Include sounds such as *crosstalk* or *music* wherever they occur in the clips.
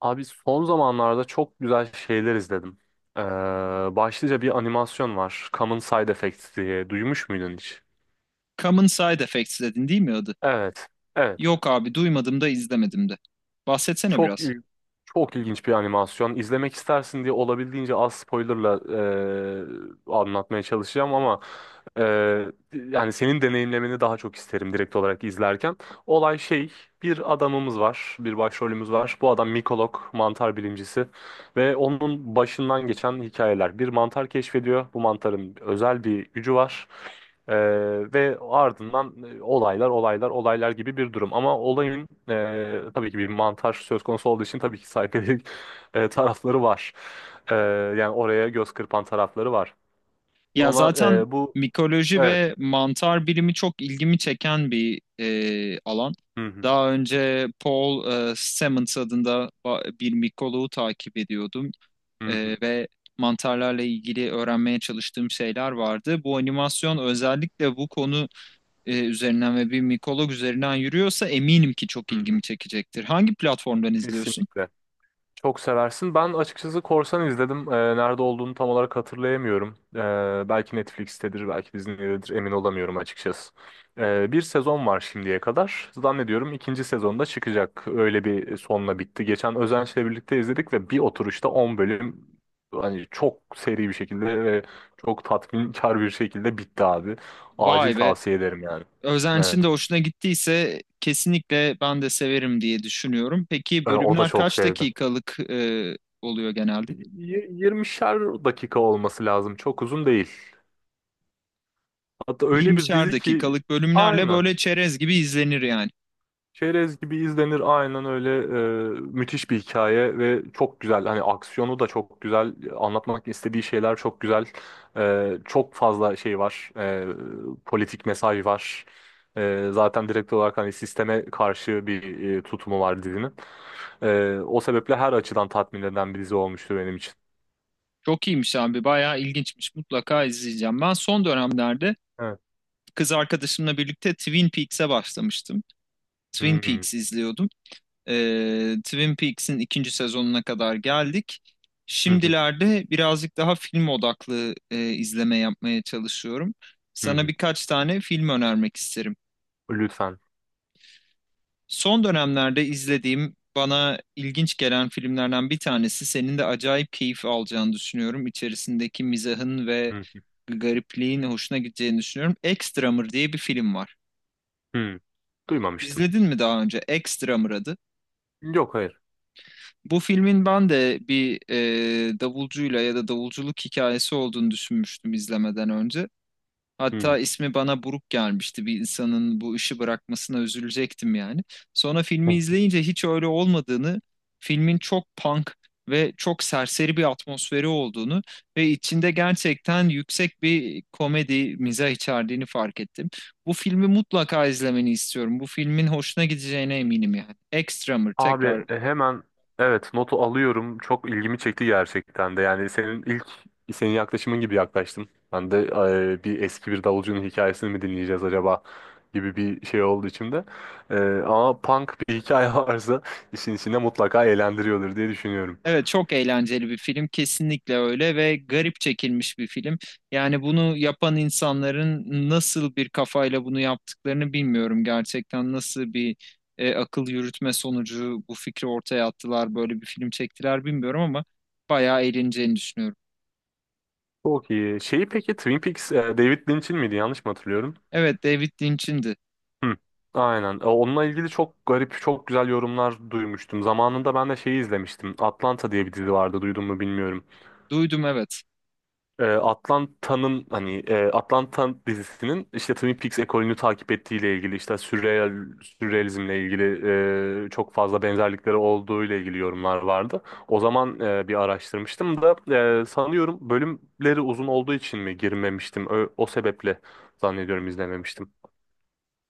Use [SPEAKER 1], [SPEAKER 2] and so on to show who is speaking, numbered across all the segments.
[SPEAKER 1] Abi son zamanlarda çok güzel şeyler izledim. Ee, başlıca bir animasyon var. Common Side Effects diye. Duymuş muydun hiç?
[SPEAKER 2] Common Side Effects dedin değil mi adı?
[SPEAKER 1] Evet. Evet.
[SPEAKER 2] Yok abi duymadım da izlemedim de. Bahsetsene
[SPEAKER 1] Çok
[SPEAKER 2] biraz.
[SPEAKER 1] il Çok ilginç bir animasyon. İzlemek istersin diye olabildiğince az spoilerla anlatmaya çalışacağım ama e, yani senin deneyimlemeni daha çok isterim direkt olarak izlerken. Olay şey, bir adamımız var, bir başrolümüz var. Bu adam mikolog, mantar bilimcisi ve onun başından geçen hikayeler. Bir mantar keşfediyor. Bu mantarın özel bir gücü var. Ee, ve ardından olaylar olaylar olaylar gibi bir durum. Ama olayın tabii ki bir montaj söz konusu olduğu için tabii ki saykodelik *laughs* tarafları var. Ee, yani oraya göz kırpan tarafları var.
[SPEAKER 2] Ya
[SPEAKER 1] Ama
[SPEAKER 2] zaten
[SPEAKER 1] bu
[SPEAKER 2] mikoloji
[SPEAKER 1] evet.
[SPEAKER 2] ve mantar bilimi çok ilgimi çeken bir alan.
[SPEAKER 1] Hı hı,
[SPEAKER 2] Daha önce Paul Stamets adında bir mikoloğu takip ediyordum
[SPEAKER 1] hı hı,
[SPEAKER 2] Ve mantarlarla ilgili öğrenmeye çalıştığım şeyler vardı. Bu animasyon özellikle bu konu üzerinden ve bir mikolog üzerinden yürüyorsa eminim ki çok
[SPEAKER 1] hı hı.
[SPEAKER 2] ilgimi çekecektir. Hangi platformdan izliyorsun?
[SPEAKER 1] Kesinlikle. Çok seversin. Ben açıkçası Korsan izledim. Nerede olduğunu tam olarak hatırlayamıyorum. Belki Netflix'tedir, belki Disney'dedir. Emin olamıyorum açıkçası. Bir sezon var şimdiye kadar. Zannediyorum ikinci sezonda çıkacak. Öyle bir sonla bitti. Geçen Özenç'le birlikte izledik ve bir oturuşta 10 bölüm hani çok seri bir şekilde ve çok tatminkar bir şekilde bitti abi. Acil
[SPEAKER 2] Vay be,
[SPEAKER 1] tavsiye ederim yani. Evet.
[SPEAKER 2] Özenç'in de hoşuna gittiyse kesinlikle ben de severim diye düşünüyorum. Peki
[SPEAKER 1] O da
[SPEAKER 2] bölümler
[SPEAKER 1] çok
[SPEAKER 2] kaç
[SPEAKER 1] sevdi.
[SPEAKER 2] dakikalık oluyor genelde?
[SPEAKER 1] 20'şer dakika olması lazım. Çok uzun değil. Hatta öyle bir
[SPEAKER 2] 20'şer
[SPEAKER 1] dizi ki
[SPEAKER 2] dakikalık bölümlerle
[SPEAKER 1] aynen.
[SPEAKER 2] böyle çerez gibi izlenir yani.
[SPEAKER 1] Çerez gibi izlenir aynen öyle müthiş bir hikaye ve çok güzel hani aksiyonu da çok güzel anlatmak istediği şeyler çok güzel. Çok fazla şey var. Politik mesaj var. Zaten direkt olarak hani sisteme karşı bir tutumu var dizinin. O sebeple her açıdan tatmin eden bir dizi olmuştu benim için.
[SPEAKER 2] Çok iyiymiş abi, bayağı ilginçmiş. Mutlaka izleyeceğim. Ben son dönemlerde
[SPEAKER 1] Evet.
[SPEAKER 2] kız arkadaşımla birlikte Twin Peaks'e başlamıştım.
[SPEAKER 1] Hı
[SPEAKER 2] Twin
[SPEAKER 1] hı,
[SPEAKER 2] Peaks izliyordum. Twin Peaks'in ikinci sezonuna kadar geldik.
[SPEAKER 1] hı hı,
[SPEAKER 2] Şimdilerde birazcık daha film odaklı izleme yapmaya çalışıyorum.
[SPEAKER 1] hı
[SPEAKER 2] Sana
[SPEAKER 1] hı.
[SPEAKER 2] birkaç tane film önermek isterim.
[SPEAKER 1] Lütfen.
[SPEAKER 2] Son dönemlerde izlediğim, bana ilginç gelen filmlerden bir tanesi. Senin de acayip keyif alacağını düşünüyorum. İçerisindeki mizahın ve
[SPEAKER 1] Hı
[SPEAKER 2] garipliğin hoşuna gideceğini düşünüyorum. Extramır diye bir film var.
[SPEAKER 1] hı. Hı. Duymamıştım.
[SPEAKER 2] İzledin mi daha önce? Extramır adı.
[SPEAKER 1] Yok hayır.
[SPEAKER 2] Bu filmin ben de bir davulcuyla ya da davulculuk hikayesi olduğunu düşünmüştüm izlemeden önce.
[SPEAKER 1] Hı hı.
[SPEAKER 2] Hatta ismi bana buruk gelmişti. Bir insanın bu işi bırakmasına üzülecektim yani. Sonra filmi izleyince hiç öyle olmadığını, filmin çok punk ve çok serseri bir atmosferi olduğunu ve içinde gerçekten yüksek bir komedi, mizah içerdiğini fark ettim. Bu filmi mutlaka izlemeni istiyorum. Bu filmin hoşuna gideceğine eminim yani. Extremer
[SPEAKER 1] Abi
[SPEAKER 2] tekrar.
[SPEAKER 1] hemen evet notu alıyorum. Çok ilgimi çekti gerçekten de. Yani senin yaklaşımın gibi yaklaştım. Ben de bir eski bir davulcunun hikayesini mi dinleyeceğiz acaba gibi bir şey oldu içimde. E, ama punk bir hikaye *laughs* varsa işin içinde mutlaka eğlendiriyordur diye düşünüyorum.
[SPEAKER 2] Evet, çok eğlenceli bir film, kesinlikle öyle ve garip çekilmiş bir film. Yani bunu yapan insanların nasıl bir kafayla bunu yaptıklarını bilmiyorum, gerçekten nasıl bir akıl yürütme sonucu bu fikri ortaya attılar, böyle bir film çektiler bilmiyorum ama bayağı eğleneceğini düşünüyorum.
[SPEAKER 1] Çok iyi. Şeyi peki Twin Peaks David Lynch'in miydi? Yanlış mı hatırlıyorum?
[SPEAKER 2] Evet, David Lynch'indi.
[SPEAKER 1] Hı. Aynen. Onunla ilgili çok garip, çok güzel yorumlar duymuştum. Zamanında ben de şeyi izlemiştim. Atlanta diye bir dizi vardı. Duydun mu bilmiyorum.
[SPEAKER 2] Duydum, evet.
[SPEAKER 1] Atlanta'nın hani Atlanta dizisinin işte Twin Peaks ekolünü takip ettiğiyle ilgili işte sürrealizmle ilgili çok fazla benzerlikleri olduğu ile ilgili yorumlar vardı. O zaman bir araştırmıştım da sanıyorum bölümleri uzun olduğu için mi girmemiştim. O sebeple zannediyorum izlememiştim.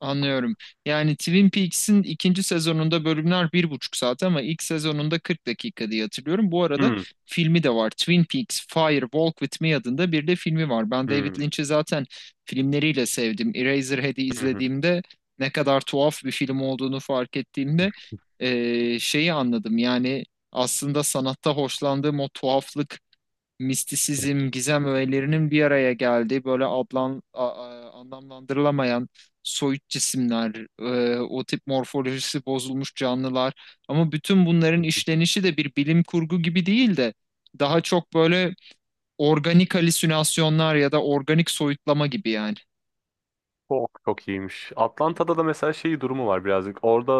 [SPEAKER 2] Anlıyorum. Yani Twin Peaks'in ikinci sezonunda bölümler bir buçuk saat ama ilk sezonunda 40 dakika diye hatırlıyorum. Bu arada
[SPEAKER 1] Hmm,
[SPEAKER 2] filmi de var. Twin Peaks Fire Walk With Me adında bir de filmi var. Ben
[SPEAKER 1] hmm,
[SPEAKER 2] David Lynch'i zaten filmleriyle sevdim. Eraserhead'i
[SPEAKER 1] hı
[SPEAKER 2] izlediğimde ne kadar tuhaf bir film olduğunu fark ettiğimde
[SPEAKER 1] hı.
[SPEAKER 2] şeyi anladım. Yani aslında sanatta hoşlandığım o tuhaflık, mistisizm, gizem öğelerinin bir araya geldiği böyle ablan, anlamlandırılamayan soyut cisimler, o tip morfolojisi bozulmuş canlılar. Ama bütün bunların işlenişi de bir bilim kurgu gibi değil de daha çok böyle organik halüsinasyonlar ya da organik soyutlama gibi yani.
[SPEAKER 1] Çok çok iyiymiş. Atlanta'da da mesela şey durumu var birazcık. Orada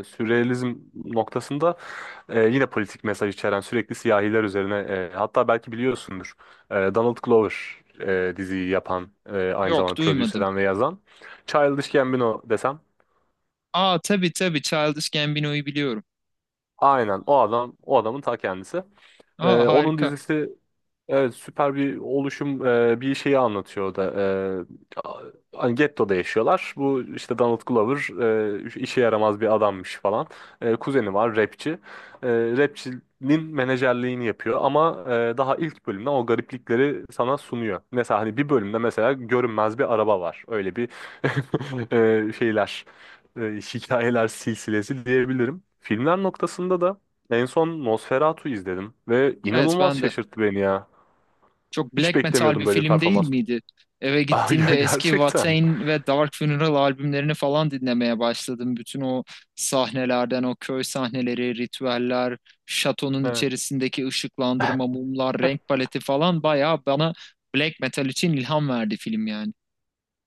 [SPEAKER 1] sürrealizm noktasında yine politik mesaj içeren sürekli siyahiler üzerine hatta belki biliyorsundur. Donald Glover diziyi yapan, aynı
[SPEAKER 2] Yok,
[SPEAKER 1] zamanda prodüse
[SPEAKER 2] duymadım.
[SPEAKER 1] eden ve yazan. Childish Gambino desem
[SPEAKER 2] Aa, tabii tabii, Childish Gambino'yu biliyorum.
[SPEAKER 1] aynen o adam, o adamın ta kendisi. E,
[SPEAKER 2] Aa,
[SPEAKER 1] onun
[SPEAKER 2] harika.
[SPEAKER 1] dizisi, evet, süper bir oluşum, bir şeyi anlatıyor o da. E, a- hani gettoda yaşıyorlar. Bu işte Donald Glover işe yaramaz bir adammış falan. Kuzeni var rapçi. E, rapçinin menajerliğini yapıyor ama daha ilk bölümden o gariplikleri sana sunuyor. Mesela hani bir bölümde mesela görünmez bir araba var. Öyle bir *laughs* şeyler e, hikayeler silsilesi diyebilirim. Filmler noktasında da en son Nosferatu izledim ve
[SPEAKER 2] Evet,
[SPEAKER 1] inanılmaz
[SPEAKER 2] ben de.
[SPEAKER 1] şaşırttı beni ya.
[SPEAKER 2] Çok
[SPEAKER 1] Hiç
[SPEAKER 2] black metal
[SPEAKER 1] beklemiyordum
[SPEAKER 2] bir
[SPEAKER 1] böyle bir
[SPEAKER 2] film değil
[SPEAKER 1] performans.
[SPEAKER 2] miydi? Eve
[SPEAKER 1] *laughs* Aa,
[SPEAKER 2] gittiğimde eski
[SPEAKER 1] gerçekten.
[SPEAKER 2] Watain ve Dark Funeral albümlerini falan dinlemeye başladım. Bütün o sahnelerden, o köy sahneleri, ritüeller, şatonun
[SPEAKER 1] Evet.
[SPEAKER 2] içerisindeki ışıklandırma, mumlar, renk paleti falan bayağı bana black metal için ilham verdi film yani.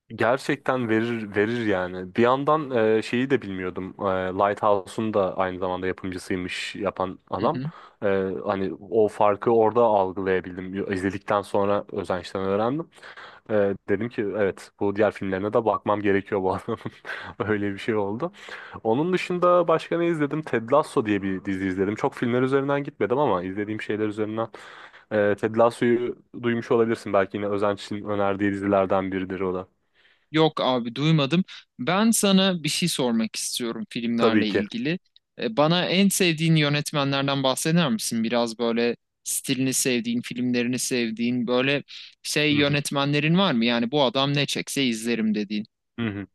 [SPEAKER 1] Gerçekten verir verir yani. Bir yandan şeyi de bilmiyordum. Lighthouse'un da aynı zamanda yapımcısıymış yapan
[SPEAKER 2] Hı
[SPEAKER 1] adam.
[SPEAKER 2] hı.
[SPEAKER 1] E, hani o farkı orada algılayabildim. İzledikten sonra Özenç'ten öğrendim. Dedim ki evet bu diğer filmlerine de bakmam gerekiyor bu adamın. *laughs* Öyle bir şey oldu. Onun dışında başka ne izledim? Ted Lasso diye bir dizi izledim. Çok filmler üzerinden gitmedim ama izlediğim şeyler üzerinden. Ted Lasso'yu duymuş olabilirsin. Belki yine Özenç'in önerdiği dizilerden biridir o da.
[SPEAKER 2] Yok abi, duymadım. Ben sana bir şey sormak istiyorum
[SPEAKER 1] Tabii
[SPEAKER 2] filmlerle
[SPEAKER 1] ki.
[SPEAKER 2] ilgili. Bana en sevdiğin yönetmenlerden bahseder misin? Biraz böyle stilini sevdiğin, filmlerini sevdiğin, böyle şey
[SPEAKER 1] Hı hı.
[SPEAKER 2] yönetmenlerin var mı? Yani bu adam ne çekse izlerim dediğin.
[SPEAKER 1] Hı hı.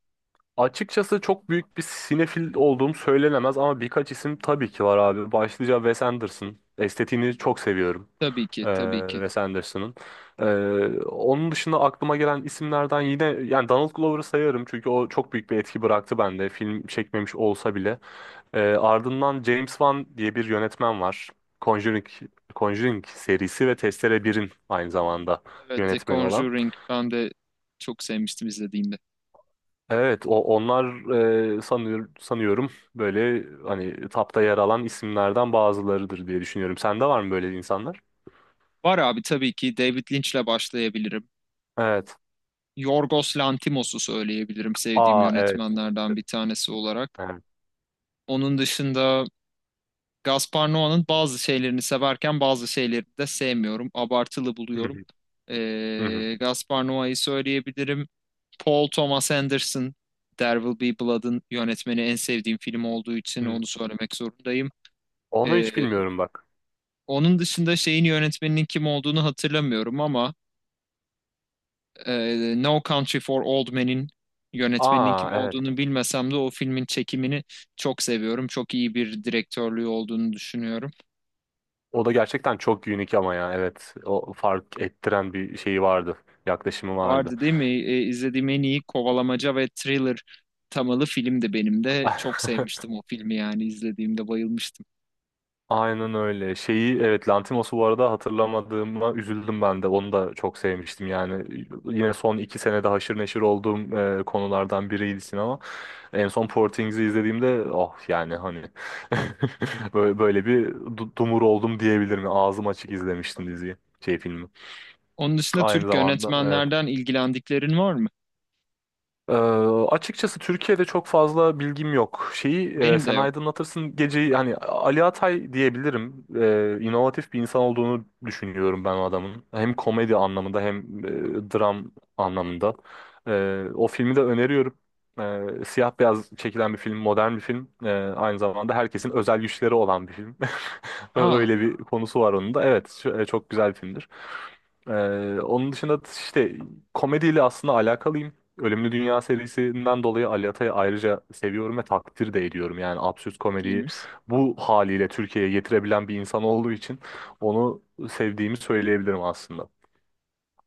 [SPEAKER 1] Açıkçası çok büyük bir sinefil olduğum söylenemez ama birkaç isim tabii ki var abi. Başlıca Wes Anderson. Estetiğini çok seviyorum.
[SPEAKER 2] Tabii ki, tabii
[SPEAKER 1] Ee,
[SPEAKER 2] ki.
[SPEAKER 1] Wes Anderson'ın. Ee, onun dışında aklıma gelen isimlerden yine yani Donald Glover'ı sayarım çünkü o çok büyük bir etki bıraktı bende. Film çekmemiş olsa bile. Ardından James Wan diye bir yönetmen var. Conjuring, Conjuring serisi ve Testere birin aynı zamanda
[SPEAKER 2] Evet, The
[SPEAKER 1] yönetmeni olan.
[SPEAKER 2] Conjuring ben de çok sevmiştim izlediğimde.
[SPEAKER 1] Evet, o onlar sanıyorum böyle hani tapta yer alan isimlerden bazılarıdır diye düşünüyorum. Sende var mı böyle insanlar?
[SPEAKER 2] Var abi, tabii ki David Lynch'le başlayabilirim.
[SPEAKER 1] Evet.
[SPEAKER 2] Yorgos Lanthimos'u söyleyebilirim sevdiğim
[SPEAKER 1] Aa evet.
[SPEAKER 2] yönetmenlerden bir tanesi olarak.
[SPEAKER 1] Evet.
[SPEAKER 2] Onun dışında Gaspar Noa'nın bazı şeylerini severken bazı şeylerini de sevmiyorum. Abartılı
[SPEAKER 1] Hı
[SPEAKER 2] buluyorum.
[SPEAKER 1] hı, hı hı,
[SPEAKER 2] Gaspar Noa'yı söyleyebilirim. Paul Thomas Anderson, There Will Be Blood'ın yönetmeni en sevdiğim film olduğu için
[SPEAKER 1] hı.
[SPEAKER 2] onu söylemek zorundayım.
[SPEAKER 1] Onu hiç
[SPEAKER 2] Ee,
[SPEAKER 1] bilmiyorum bak.
[SPEAKER 2] onun dışında şeyin yönetmeninin kim olduğunu hatırlamıyorum ama No Country for Old Men'in yönetmeninin
[SPEAKER 1] Aa
[SPEAKER 2] kim
[SPEAKER 1] evet.
[SPEAKER 2] olduğunu bilmesem de o filmin çekimini çok seviyorum. Çok iyi bir direktörlüğü olduğunu düşünüyorum.
[SPEAKER 1] O da gerçekten çok unik ama ya evet. O fark ettiren bir şeyi vardı. Yaklaşımı vardı.
[SPEAKER 2] Vardı değil mi? İzlediğim en iyi kovalamaca ve thriller temalı filmdi benim de. Çok
[SPEAKER 1] *laughs*
[SPEAKER 2] sevmiştim o filmi, yani izlediğimde bayılmıştım.
[SPEAKER 1] Aynen öyle. Şeyi evet Lantimos'u bu arada hatırlamadığıma üzüldüm ben de. Onu da çok sevmiştim yani. Yine son iki senede haşır neşir olduğum konulardan biriydi sinema. En son Portings'i izlediğimde oh yani hani *laughs* böyle bir dumur oldum diyebilirim. Ağzım açık izlemiştim diziyi. Şey filmi.
[SPEAKER 2] Onun dışında
[SPEAKER 1] Aynı
[SPEAKER 2] Türk
[SPEAKER 1] zamanda evet.
[SPEAKER 2] yönetmenlerden ilgilendiklerin var mı?
[SPEAKER 1] Ee, açıkçası Türkiye'de çok fazla bilgim yok. Şeyi
[SPEAKER 2] Benim de
[SPEAKER 1] sen
[SPEAKER 2] yok.
[SPEAKER 1] aydınlatırsın geceyi hani Ali Atay diyebilirim. İnovatif bir insan olduğunu düşünüyorum ben o adamın. Hem komedi anlamında hem dram anlamında. O filmi de öneriyorum. Siyah beyaz çekilen bir film, modern bir film. Aynı zamanda herkesin özel güçleri olan bir film. *laughs* Ö-
[SPEAKER 2] Aa,
[SPEAKER 1] Öyle bir konusu var onun da. Evet, çok güzel bir filmdir. Onun dışında işte komediyle aslında alakalıyım. Ölümlü Dünya serisinden dolayı Ali Atay'ı ayrıca seviyorum ve takdir de ediyorum. Yani absürt
[SPEAKER 2] çok
[SPEAKER 1] komediyi
[SPEAKER 2] iyiymiş.
[SPEAKER 1] bu haliyle Türkiye'ye getirebilen bir insan olduğu için onu sevdiğimi söyleyebilirim aslında.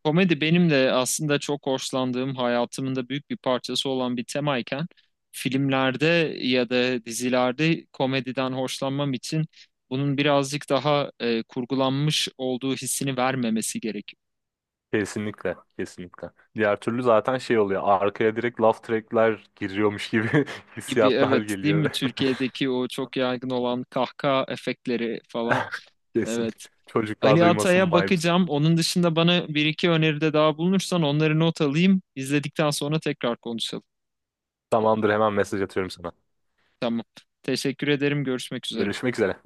[SPEAKER 2] Komedi benim de aslında çok hoşlandığım, hayatımın da büyük bir parçası olan bir temayken filmlerde ya da dizilerde komediden hoşlanmam için bunun birazcık daha kurgulanmış olduğu hissini vermemesi gerekiyor.
[SPEAKER 1] Kesinlikle, kesinlikle. Diğer türlü zaten şey oluyor. Arkaya direkt laugh track'ler giriyormuş gibi *laughs*
[SPEAKER 2] Gibi,
[SPEAKER 1] hissiyatlar
[SPEAKER 2] evet değil mi,
[SPEAKER 1] geliyor.
[SPEAKER 2] Türkiye'deki o çok yaygın olan kahkaha efektleri falan,
[SPEAKER 1] *laughs* Kesin.
[SPEAKER 2] evet.
[SPEAKER 1] Çocuklar
[SPEAKER 2] Ali
[SPEAKER 1] duymasın
[SPEAKER 2] Atay'a
[SPEAKER 1] vibes.
[SPEAKER 2] bakacağım, onun dışında bana bir iki öneride daha bulunursan onları not alayım, izledikten sonra tekrar konuşalım.
[SPEAKER 1] Tamamdır, hemen mesaj atıyorum sana.
[SPEAKER 2] Tamam, teşekkür ederim, görüşmek üzere.
[SPEAKER 1] Görüşmek üzere.